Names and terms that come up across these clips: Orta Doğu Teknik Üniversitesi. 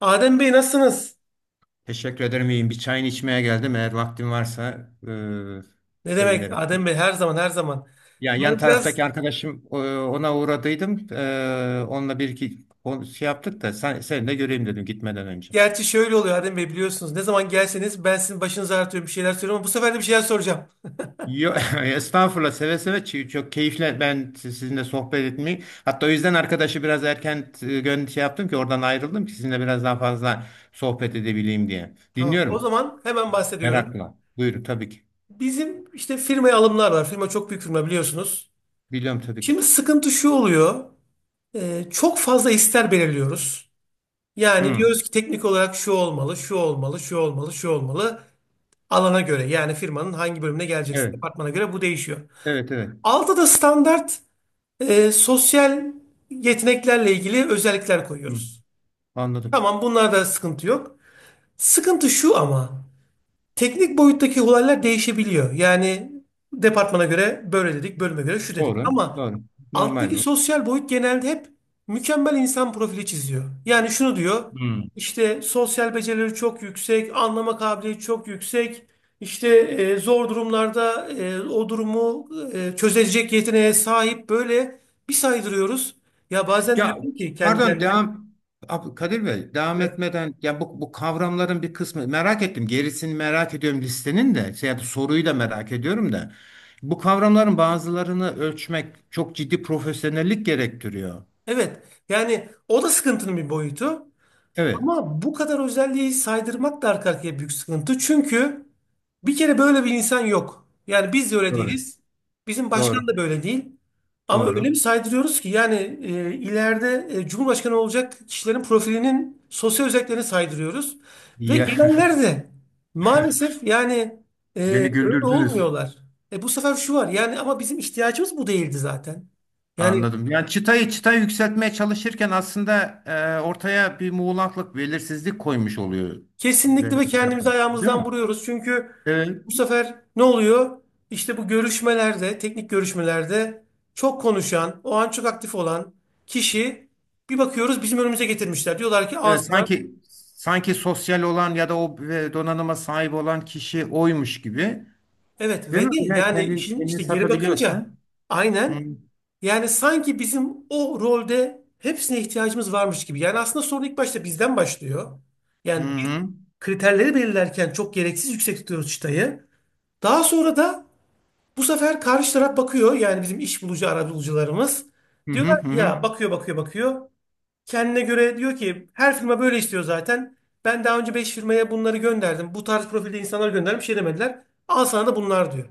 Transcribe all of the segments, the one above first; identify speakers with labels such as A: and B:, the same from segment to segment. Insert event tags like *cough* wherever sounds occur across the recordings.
A: Adem Bey, nasılsınız?
B: Teşekkür ederim, iyiyim. Bir çayını içmeye geldim. Eğer vaktin varsa
A: Ne demek
B: sevinirim.
A: Adem Bey, her zaman, her zaman.
B: Ya,
A: Yani
B: yan
A: biraz,
B: taraftaki arkadaşım ona uğradıydım. Onunla bir iki şey yaptık da seni de göreyim dedim gitmeden önce.
A: gerçi şöyle oluyor Adem Bey, biliyorsunuz. Ne zaman gelseniz ben sizin başınızı ağrıtıyorum, bir şeyler söylüyorum ama bu sefer de bir şeyler soracağım.
B: Yo, *laughs* estağfurullah, seve seve. Çok keyifle ben sizinle sohbet etmeyi, hatta o yüzden arkadaşı biraz erken şey yaptım ki oradan ayrıldım ki sizinle biraz daha fazla sohbet edebileyim diye.
A: Tamam, o
B: Dinliyorum
A: zaman hemen bahsediyorum.
B: merakla. Buyurun tabii ki.
A: Bizim işte firmaya alımlar var. Firma çok büyük firma, biliyorsunuz.
B: Biliyorum tabii ki.
A: Şimdi sıkıntı şu oluyor. Çok fazla ister belirliyoruz. Yani
B: Hı.
A: diyoruz ki teknik olarak şu olmalı, şu olmalı, şu olmalı, şu olmalı. Alana göre, yani firmanın hangi bölümüne geleceksiniz,
B: Evet.
A: departmana göre bu değişiyor.
B: Evet, evet.
A: Altta da standart sosyal yeteneklerle ilgili özellikler
B: Hı.
A: koyuyoruz.
B: Anladım.
A: Tamam, bunlarda sıkıntı yok. Sıkıntı şu ama. Teknik boyuttaki olaylar değişebiliyor. Yani departmana göre böyle dedik, bölüme göre şu dedik.
B: Doğru.
A: Ama
B: Doğru. Normal
A: alttaki
B: bu.
A: sosyal boyut genelde hep mükemmel insan profili çiziyor. Yani şunu diyor,
B: Hmm.
A: işte sosyal becerileri çok yüksek, anlama kabiliyeti çok yüksek, işte zor durumlarda o durumu çözecek yeteneğe sahip, böyle bir saydırıyoruz. Ya bazen
B: Ya,
A: diyorum ki kendi
B: pardon,
A: kendime,
B: devam. Kadir Bey, devam
A: evet,
B: etmeden ya bu kavramların bir kısmı merak ettim. Gerisini merak ediyorum listenin de, şey, soruyu da merak ediyorum da. Bu kavramların bazılarını ölçmek çok ciddi profesyonellik gerektiriyor.
A: evet. Yani o da sıkıntının bir boyutu.
B: Evet,
A: Ama bu kadar özelliği saydırmak da arka arkaya büyük sıkıntı. Çünkü bir kere böyle bir insan yok. Yani biz de öyle
B: doğru.
A: değiliz. Bizim
B: Doğru.
A: başkan da böyle değil. Ama öyle
B: Doğru.
A: bir saydırıyoruz ki yani ileride Cumhurbaşkanı olacak kişilerin profilinin sosyal özelliklerini saydırıyoruz. Ve
B: Ya,
A: gelenler de maalesef yani e,
B: *laughs* beni
A: öyle
B: güldürdünüz.
A: olmuyorlar. Bu sefer şu var, yani ama bizim ihtiyacımız bu değildi zaten. Yani
B: Anladım. Yani çıtayı yükseltmeye çalışırken aslında ortaya bir muğlaklık, belirsizlik koymuş oluyor. Böyle
A: kesinlikle ve
B: bir
A: kendimizi
B: yaklaşım, değil
A: ayağımızdan
B: mi?
A: vuruyoruz. Çünkü
B: Evet.
A: bu sefer ne oluyor? İşte bu görüşmelerde, teknik görüşmelerde çok konuşan, o an çok aktif olan kişi, bir bakıyoruz bizim önümüze getirmişler. Diyorlar ki al
B: Evet,
A: sana.
B: sanki sosyal olan ya da o donanıma sahip olan kişi oymuş gibi.
A: Evet,
B: Değil
A: ve
B: mi?
A: de
B: Yani
A: yani
B: kendini,
A: işin,
B: kendini
A: işte geri bakınca
B: satabiliyorsan. Hı hı.
A: aynen, yani sanki bizim o rolde hepsine ihtiyacımız varmış gibi. Yani aslında sorun ilk başta bizden başlıyor.
B: Hı
A: Yani biz
B: hı
A: kriterleri belirlerken çok gereksiz yüksek tutuyoruz çıtayı. Daha sonra da bu sefer karşı taraf bakıyor, yani bizim iş bulucu arabulucularımız.
B: hı. Hı.
A: Diyorlar
B: Hı
A: ki
B: hı.
A: ya, bakıyor bakıyor bakıyor. Kendine göre diyor ki her firma böyle istiyor zaten. Ben daha önce 5 firmaya bunları gönderdim. Bu tarz profilde insanlar gönderdim, bir şey demediler. Al sana da bunlar diyor.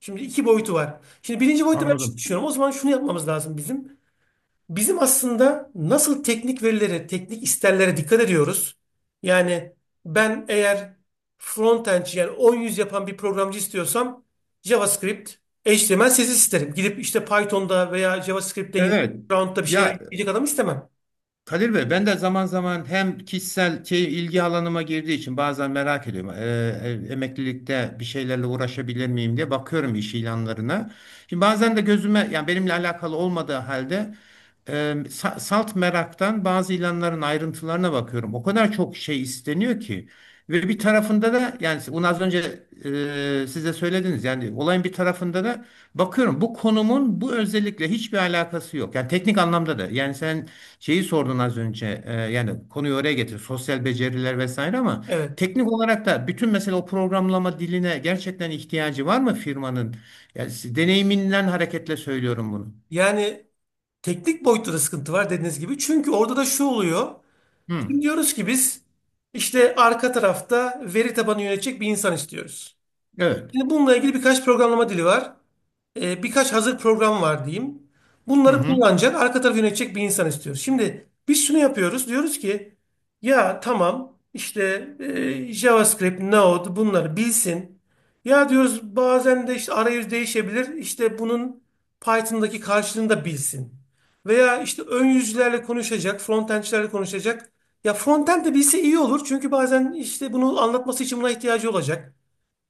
A: Şimdi iki boyutu var. Şimdi birinci boyutta ben şunu
B: Anladım.
A: düşünüyorum. O zaman şunu yapmamız lazım bizim. Bizim aslında nasıl teknik verilere, teknik isterlere dikkat ediyoruz. Yani ben eğer frontend, yani 10 yüz yapan bir programcı istiyorsam JavaScript, HTML, CSS isterim. Gidip işte Python'da veya JavaScript'te yine
B: Evet.
A: background'da bir şeyler
B: Ya
A: yapacak adam istemem.
B: Kadir Bey, ben de zaman zaman hem kişisel şey, ilgi alanıma girdiği için bazen merak ediyorum. Emeklilikte bir şeylerle uğraşabilir miyim diye bakıyorum iş ilanlarına. Şimdi bazen de gözüme, yani benimle alakalı olmadığı halde, e, salt meraktan bazı ilanların ayrıntılarına bakıyorum. O kadar çok şey isteniyor ki ve bir tarafında da, yani bunu az önce size söylediniz. Yani olayın bir tarafında da bakıyorum, bu konumun bu özellikle hiçbir alakası yok. Yani teknik anlamda da. Yani sen şeyi sordun az önce. Yani konuyu oraya getir. Sosyal beceriler vesaire, ama
A: Evet.
B: teknik olarak da bütün, mesela o programlama diline gerçekten ihtiyacı var mı firmanın? Yani deneyiminden hareketle söylüyorum bunu.
A: Yani teknik boyutta da sıkıntı var, dediğiniz gibi. Çünkü orada da şu oluyor.
B: Hı,
A: Şimdi diyoruz ki biz işte arka tarafta veri tabanı yönetecek bir insan istiyoruz.
B: evet.
A: Şimdi bununla ilgili birkaç programlama dili var. Birkaç hazır program var diyeyim.
B: Hı
A: Bunları
B: hı.
A: kullanacak, arka tarafı yönetecek bir insan istiyoruz. Şimdi biz şunu yapıyoruz. Diyoruz ki ya tamam, işte JavaScript, Node, bunları bilsin. Ya diyoruz bazen de işte arayüz değişebilir. İşte bunun Python'daki karşılığını da bilsin. Veya işte ön yüzlerle konuşacak, frontendçilerle konuşacak. Ya frontend de bilse iyi olur. Çünkü bazen işte bunu anlatması için buna ihtiyacı olacak.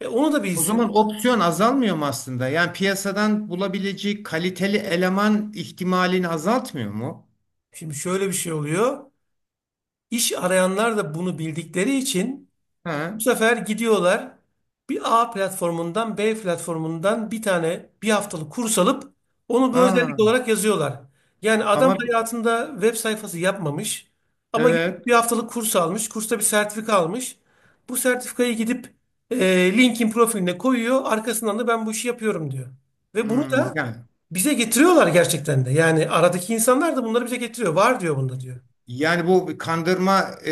A: Onu da
B: O
A: bilsin.
B: zaman opsiyon azalmıyor mu aslında? Yani piyasadan bulabileceği kaliteli eleman ihtimalini azaltmıyor mu?
A: Şimdi şöyle bir şey oluyor. İş arayanlar da bunu bildikleri için bu
B: Ha.
A: sefer gidiyorlar, bir A platformundan, B platformundan bir tane bir haftalık kurs alıp onu bir özellik
B: Aa,
A: olarak yazıyorlar. Yani adam
B: ama
A: hayatında web sayfası yapmamış ama gidip bir
B: evet.
A: haftalık kurs almış. Kursta bir sertifika almış. Bu sertifikayı gidip LinkedIn profiline koyuyor. Arkasından da ben bu işi yapıyorum diyor. Ve bunu
B: Hmm,
A: da
B: yani
A: bize getiriyorlar gerçekten de. Yani aradaki insanlar da bunları bize getiriyor. Var diyor, bunda diyor.
B: yani bu bir kandırma,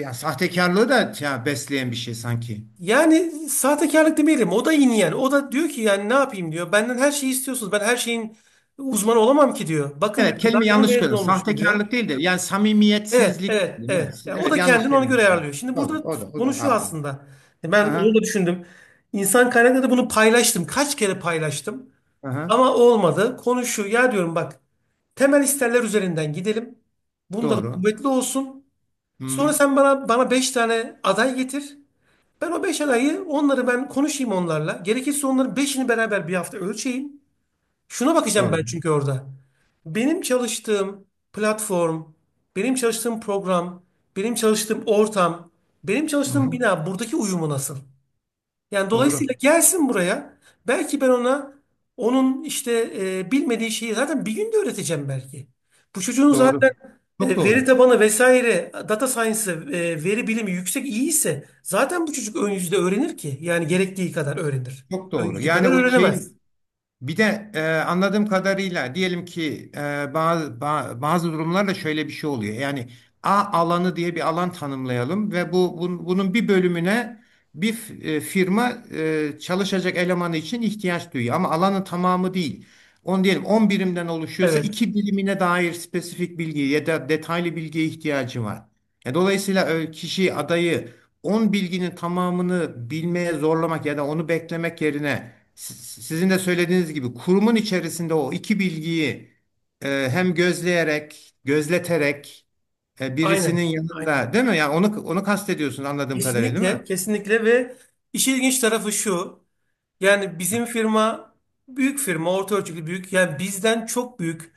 B: ya sahtekarlığı da ya, besleyen bir şey sanki.
A: Yani sahtekarlık demeyelim. O da yine yani. O da diyor ki, yani ne yapayım diyor. Benden her şeyi istiyorsunuz. Ben her şeyin uzmanı olamam ki diyor. Bakın
B: Evet,
A: diyor, daha
B: kelime
A: yeni
B: yanlış
A: mezun
B: kullandım.
A: olmuşum diyor.
B: Sahtekarlık değil de yani
A: Evet,
B: samimiyetsizlik,
A: evet,
B: diyeyim. Yani,
A: evet. Yani o
B: evet,
A: da
B: yanlış
A: kendini ona
B: kelime
A: göre
B: kullandım.
A: ayarlıyor. Şimdi
B: Doğru,
A: burada
B: o da o
A: konu
B: da
A: şu
B: haklı.
A: aslında. Ben onu da
B: Aha,
A: düşündüm. İnsan kaynakları da bunu paylaştım. Kaç kere paylaştım.
B: aha,
A: Ama olmadı. Konu şu. Ya diyorum, bak. Temel isterler üzerinden gidelim. Bunlar
B: doğru.
A: kuvvetli olsun. Sonra
B: Hmm,
A: sen bana 5 tane aday getir. Ben o 5 adayı, onları ben konuşayım onlarla. Gerekirse onların beşini beraber bir hafta ölçeyim. Şuna bakacağım
B: doğru.
A: ben, çünkü orada. Benim çalıştığım platform, benim çalıştığım program, benim çalıştığım ortam, benim
B: Hı
A: çalıştığım
B: hı,
A: bina, buradaki uyumu nasıl? Yani
B: doğru.
A: dolayısıyla gelsin buraya. Belki ben ona, onun işte bilmediği şeyi zaten bir günde öğreteceğim belki. Bu çocuğun zaten
B: Doğru. Çok
A: veri
B: doğru.
A: tabanı vesaire, data science, veri bilimi yüksek iyi ise, zaten bu çocuk ön yüzde öğrenir ki. Yani gerektiği kadar öğrenir.
B: Çok
A: Ön
B: doğru.
A: yüzde
B: Yani
A: kadar
B: o
A: öğrenemez.
B: şeyin bir de, anladığım kadarıyla, diyelim ki bazı bazı durumlarda şöyle bir şey oluyor. Yani A alanı diye bir alan tanımlayalım ve bunun bir bölümüne bir firma, çalışacak elemanı için ihtiyaç duyuyor ama alanın tamamı değil. On diyelim, 10 birimden oluşuyorsa
A: Evet.
B: iki birimine dair spesifik bilgi ya da detaylı bilgiye ihtiyacı var. Dolayısıyla kişi adayı 10 bilginin tamamını bilmeye zorlamak ya da onu beklemek yerine, sizin de söylediğiniz gibi kurumun içerisinde o iki bilgiyi hem gözleyerek, gözleterek, birisinin
A: Aynen, aynen.
B: yanında, değil mi? Yani onu kastediyorsun anladığım kadarıyla, değil mi?
A: Kesinlikle. Kesinlikle. Ve işin ilginç tarafı şu. Yani bizim firma büyük firma, orta ölçekli büyük. Yani bizden çok büyük.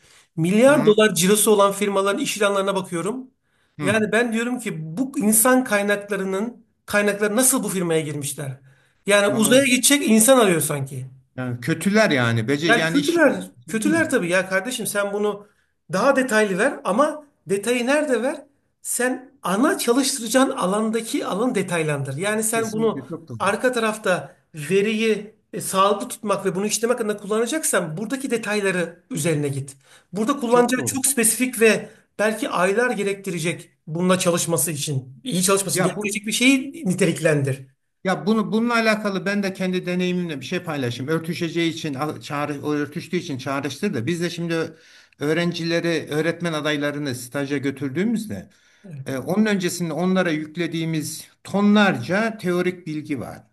B: Hı
A: Milyar
B: hı.
A: dolar cirosu olan firmaların iş ilanlarına bakıyorum.
B: Hı.
A: Yani ben diyorum ki bu insan kaynaklarının kaynakları nasıl bu firmaya girmişler? Yani uzaya
B: Anladım.
A: gidecek insan arıyor sanki.
B: Yani kötüler yani. Bece
A: Yani
B: yani iş,
A: kötüler,
B: şey, değil mi?
A: kötüler tabii ya kardeşim, sen bunu daha detaylı ver ama detayı nerede ver? Sen ana çalıştıracağın alandaki alanı detaylandır. Yani sen bunu
B: Kesinlikle çok doğru.
A: arka tarafta veriyi sağlıklı tutmak ve bunu işlemek adına kullanacaksan, buradaki detayları üzerine git. Burada
B: Çok
A: kullanacağı
B: doğru.
A: çok spesifik ve belki aylar gerektirecek, bununla çalışması için, iyi çalışması için
B: Ya bu
A: gerektirecek bir şeyi niteliklendir.
B: ya bunu bununla alakalı ben de kendi deneyimimle bir şey paylaşayım. Örtüşeceği için al- çağrı o örtüştüğü için çağrıştır da, biz de şimdi öğrencileri, öğretmen adaylarını staja götürdüğümüzde, onun öncesinde onlara yüklediğimiz tonlarca teorik bilgi var.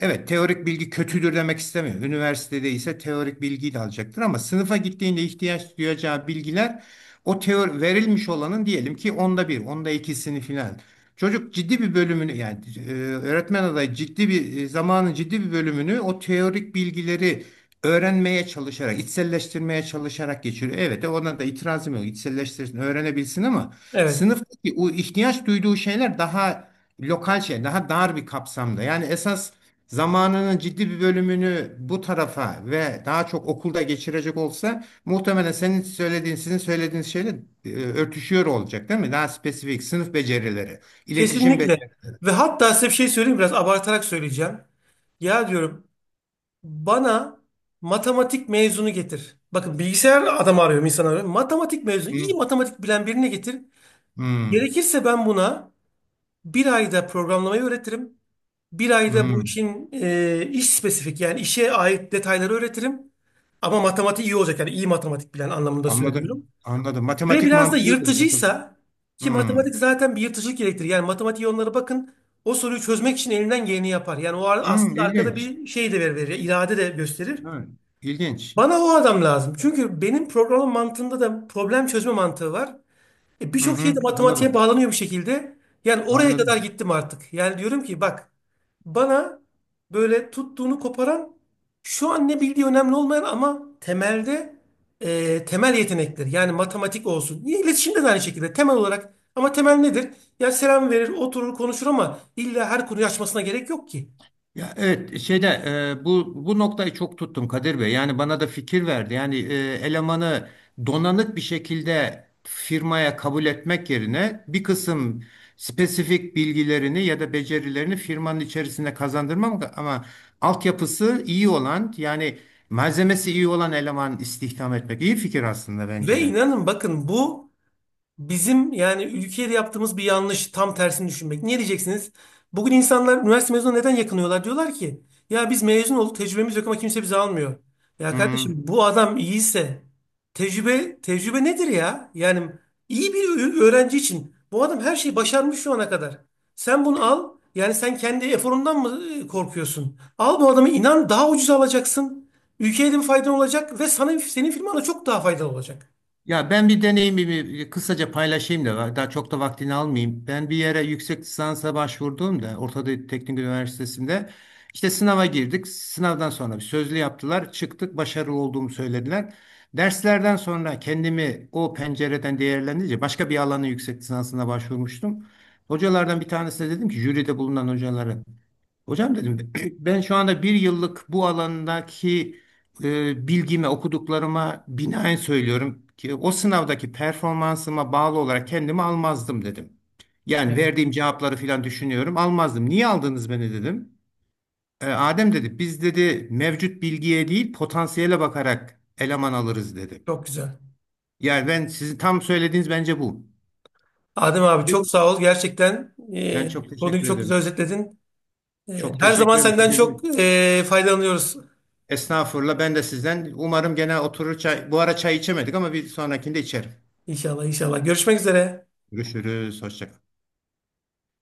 B: Evet, teorik bilgi kötüdür demek istemiyorum. Üniversitede ise teorik bilgiyi de alacaktır ama sınıfa gittiğinde ihtiyaç duyacağı bilgiler, o teori verilmiş olanın diyelim ki onda bir, onda ikisini filan. Çocuk ciddi bir bölümünü, yani öğretmen adayı ciddi bir, zamanın ciddi bir bölümünü o teorik bilgileri öğrenmeye çalışarak, içselleştirmeye çalışarak geçiriyor. Evet, ona da itirazım yok. İçselleştirsin, öğrenebilsin ama
A: Evet.
B: sınıftaki o ihtiyaç duyduğu şeyler daha lokal, şey, daha dar bir kapsamda. Yani esas zamanının ciddi bir bölümünü bu tarafa ve daha çok okulda geçirecek olsa muhtemelen senin söylediğin, sizin söylediğiniz şeyle örtüşüyor olacak, değil mi? Daha spesifik sınıf becerileri, iletişim
A: Kesinlikle.
B: becerileri.
A: Ve hatta size bir şey söyleyeyim, biraz abartarak söyleyeceğim. Ya diyorum, bana matematik mezunu getir. Bakın, bilgisayar adamı arıyorum, insan arıyorum. Matematik mezunu, iyi
B: Hmm,
A: matematik bilen birini getir.
B: hmm,
A: Gerekirse ben buna bir ayda programlamayı öğretirim. Bir ayda bu
B: hmm.
A: işin iş spesifik, yani işe ait detayları öğretirim. Ama matematiği iyi olacak, yani iyi matematik bilen anlamında söylüyorum.
B: Anladım, anladım.
A: Ve
B: Matematik
A: biraz da
B: mantığı da kapalı.
A: yırtıcıysa, ki
B: Hmm,
A: matematik zaten bir yırtıcılık gerektirir. Yani matematiğe, onlara bakın, o soruyu çözmek için elinden geleni yapar. Yani o
B: hmm,
A: aslında arkada
B: ilginç.
A: bir şey de verir, irade de gösterir.
B: Evet, ilginç.
A: Bana o adam lazım. Çünkü benim programın mantığında da problem çözme mantığı var.
B: Hı
A: Birçok şey
B: hı,
A: de matematiğe
B: anladım,
A: bağlanıyor bir şekilde. Yani oraya kadar
B: anladım.
A: gittim artık. Yani diyorum ki bak, bana böyle tuttuğunu koparan, şu an ne bildiği önemli olmayan ama temelde temel yetenekler. Yani matematik olsun. Yine İletişimde de aynı şekilde temel olarak. Ama temel nedir? Ya selam verir, oturur, konuşur ama illa her konuyu açmasına gerek yok ki.
B: Ya evet, şeyde, bu noktayı çok tuttum Kadir Bey. Yani bana da fikir verdi. Yani, elemanı donanık bir şekilde firmaya kabul etmek yerine bir kısım spesifik bilgilerini ya da becerilerini firmanın içerisinde kazandırmak ama altyapısı iyi olan, yani malzemesi iyi olan eleman istihdam etmek iyi fikir aslında,
A: Ve
B: bence de.
A: inanın, bakın, bu bizim yani ülkede yaptığımız bir yanlış, tam tersini düşünmek. Niye diyeceksiniz? Bugün insanlar üniversite mezunu neden yakınıyorlar? Diyorlar ki ya biz mezun olduk, tecrübemiz yok ama kimse bizi almıyor. Ya kardeşim,
B: Hmm.
A: bu adam iyiyse tecrübe, tecrübe nedir ya? Yani iyi bir öğrenci için bu adam her şeyi başarmış şu ana kadar. Sen bunu al, yani sen kendi eforundan mı korkuyorsun? Al bu adamı, inan daha ucuz alacaksın. Ülkeye de bir faydan olacak ve sana, senin firmana çok daha faydalı olacak.
B: Ya ben bir deneyimimi kısaca paylaşayım da daha çok da vaktini almayayım. Ben bir yere yüksek lisansa başvurduğumda Orta Doğu Teknik Üniversitesi'nde işte sınava girdik. Sınavdan sonra bir sözlü yaptılar. Çıktık, başarılı olduğumu söylediler. Derslerden sonra kendimi o pencereden değerlendirince, başka bir alanın yüksek lisansına başvurmuştum. Hocalardan bir tanesine dedim ki, jüride bulunan hocalara. Hocam dedim, *clears throat* ben şu anda bir yıllık bu alandaki bilgime, okuduklarıma binaen söylüyorum ki o sınavdaki performansıma bağlı olarak kendimi almazdım dedim. Yani
A: Evet.
B: verdiğim cevapları falan düşünüyorum, almazdım. Niye aldınız beni dedim. Adem dedi, biz dedi mevcut bilgiye değil potansiyele bakarak eleman alırız dedi.
A: Çok güzel.
B: Yani ben sizin tam söylediğiniz bence bu.
A: Adem abi çok sağ ol. Gerçekten,
B: Ben çok
A: konuyu
B: teşekkür
A: çok güzel
B: ederim.
A: özetledin.
B: Çok
A: Her zaman
B: teşekkür
A: senden
B: ederim.
A: çok faydalanıyoruz.
B: Estağfurullah. Ben de sizden. Umarım gene oturur çay. Bu ara çay içemedik ama bir sonrakinde içerim.
A: İnşallah, inşallah. Görüşmek üzere.
B: Görüşürüz. Hoşça kalın.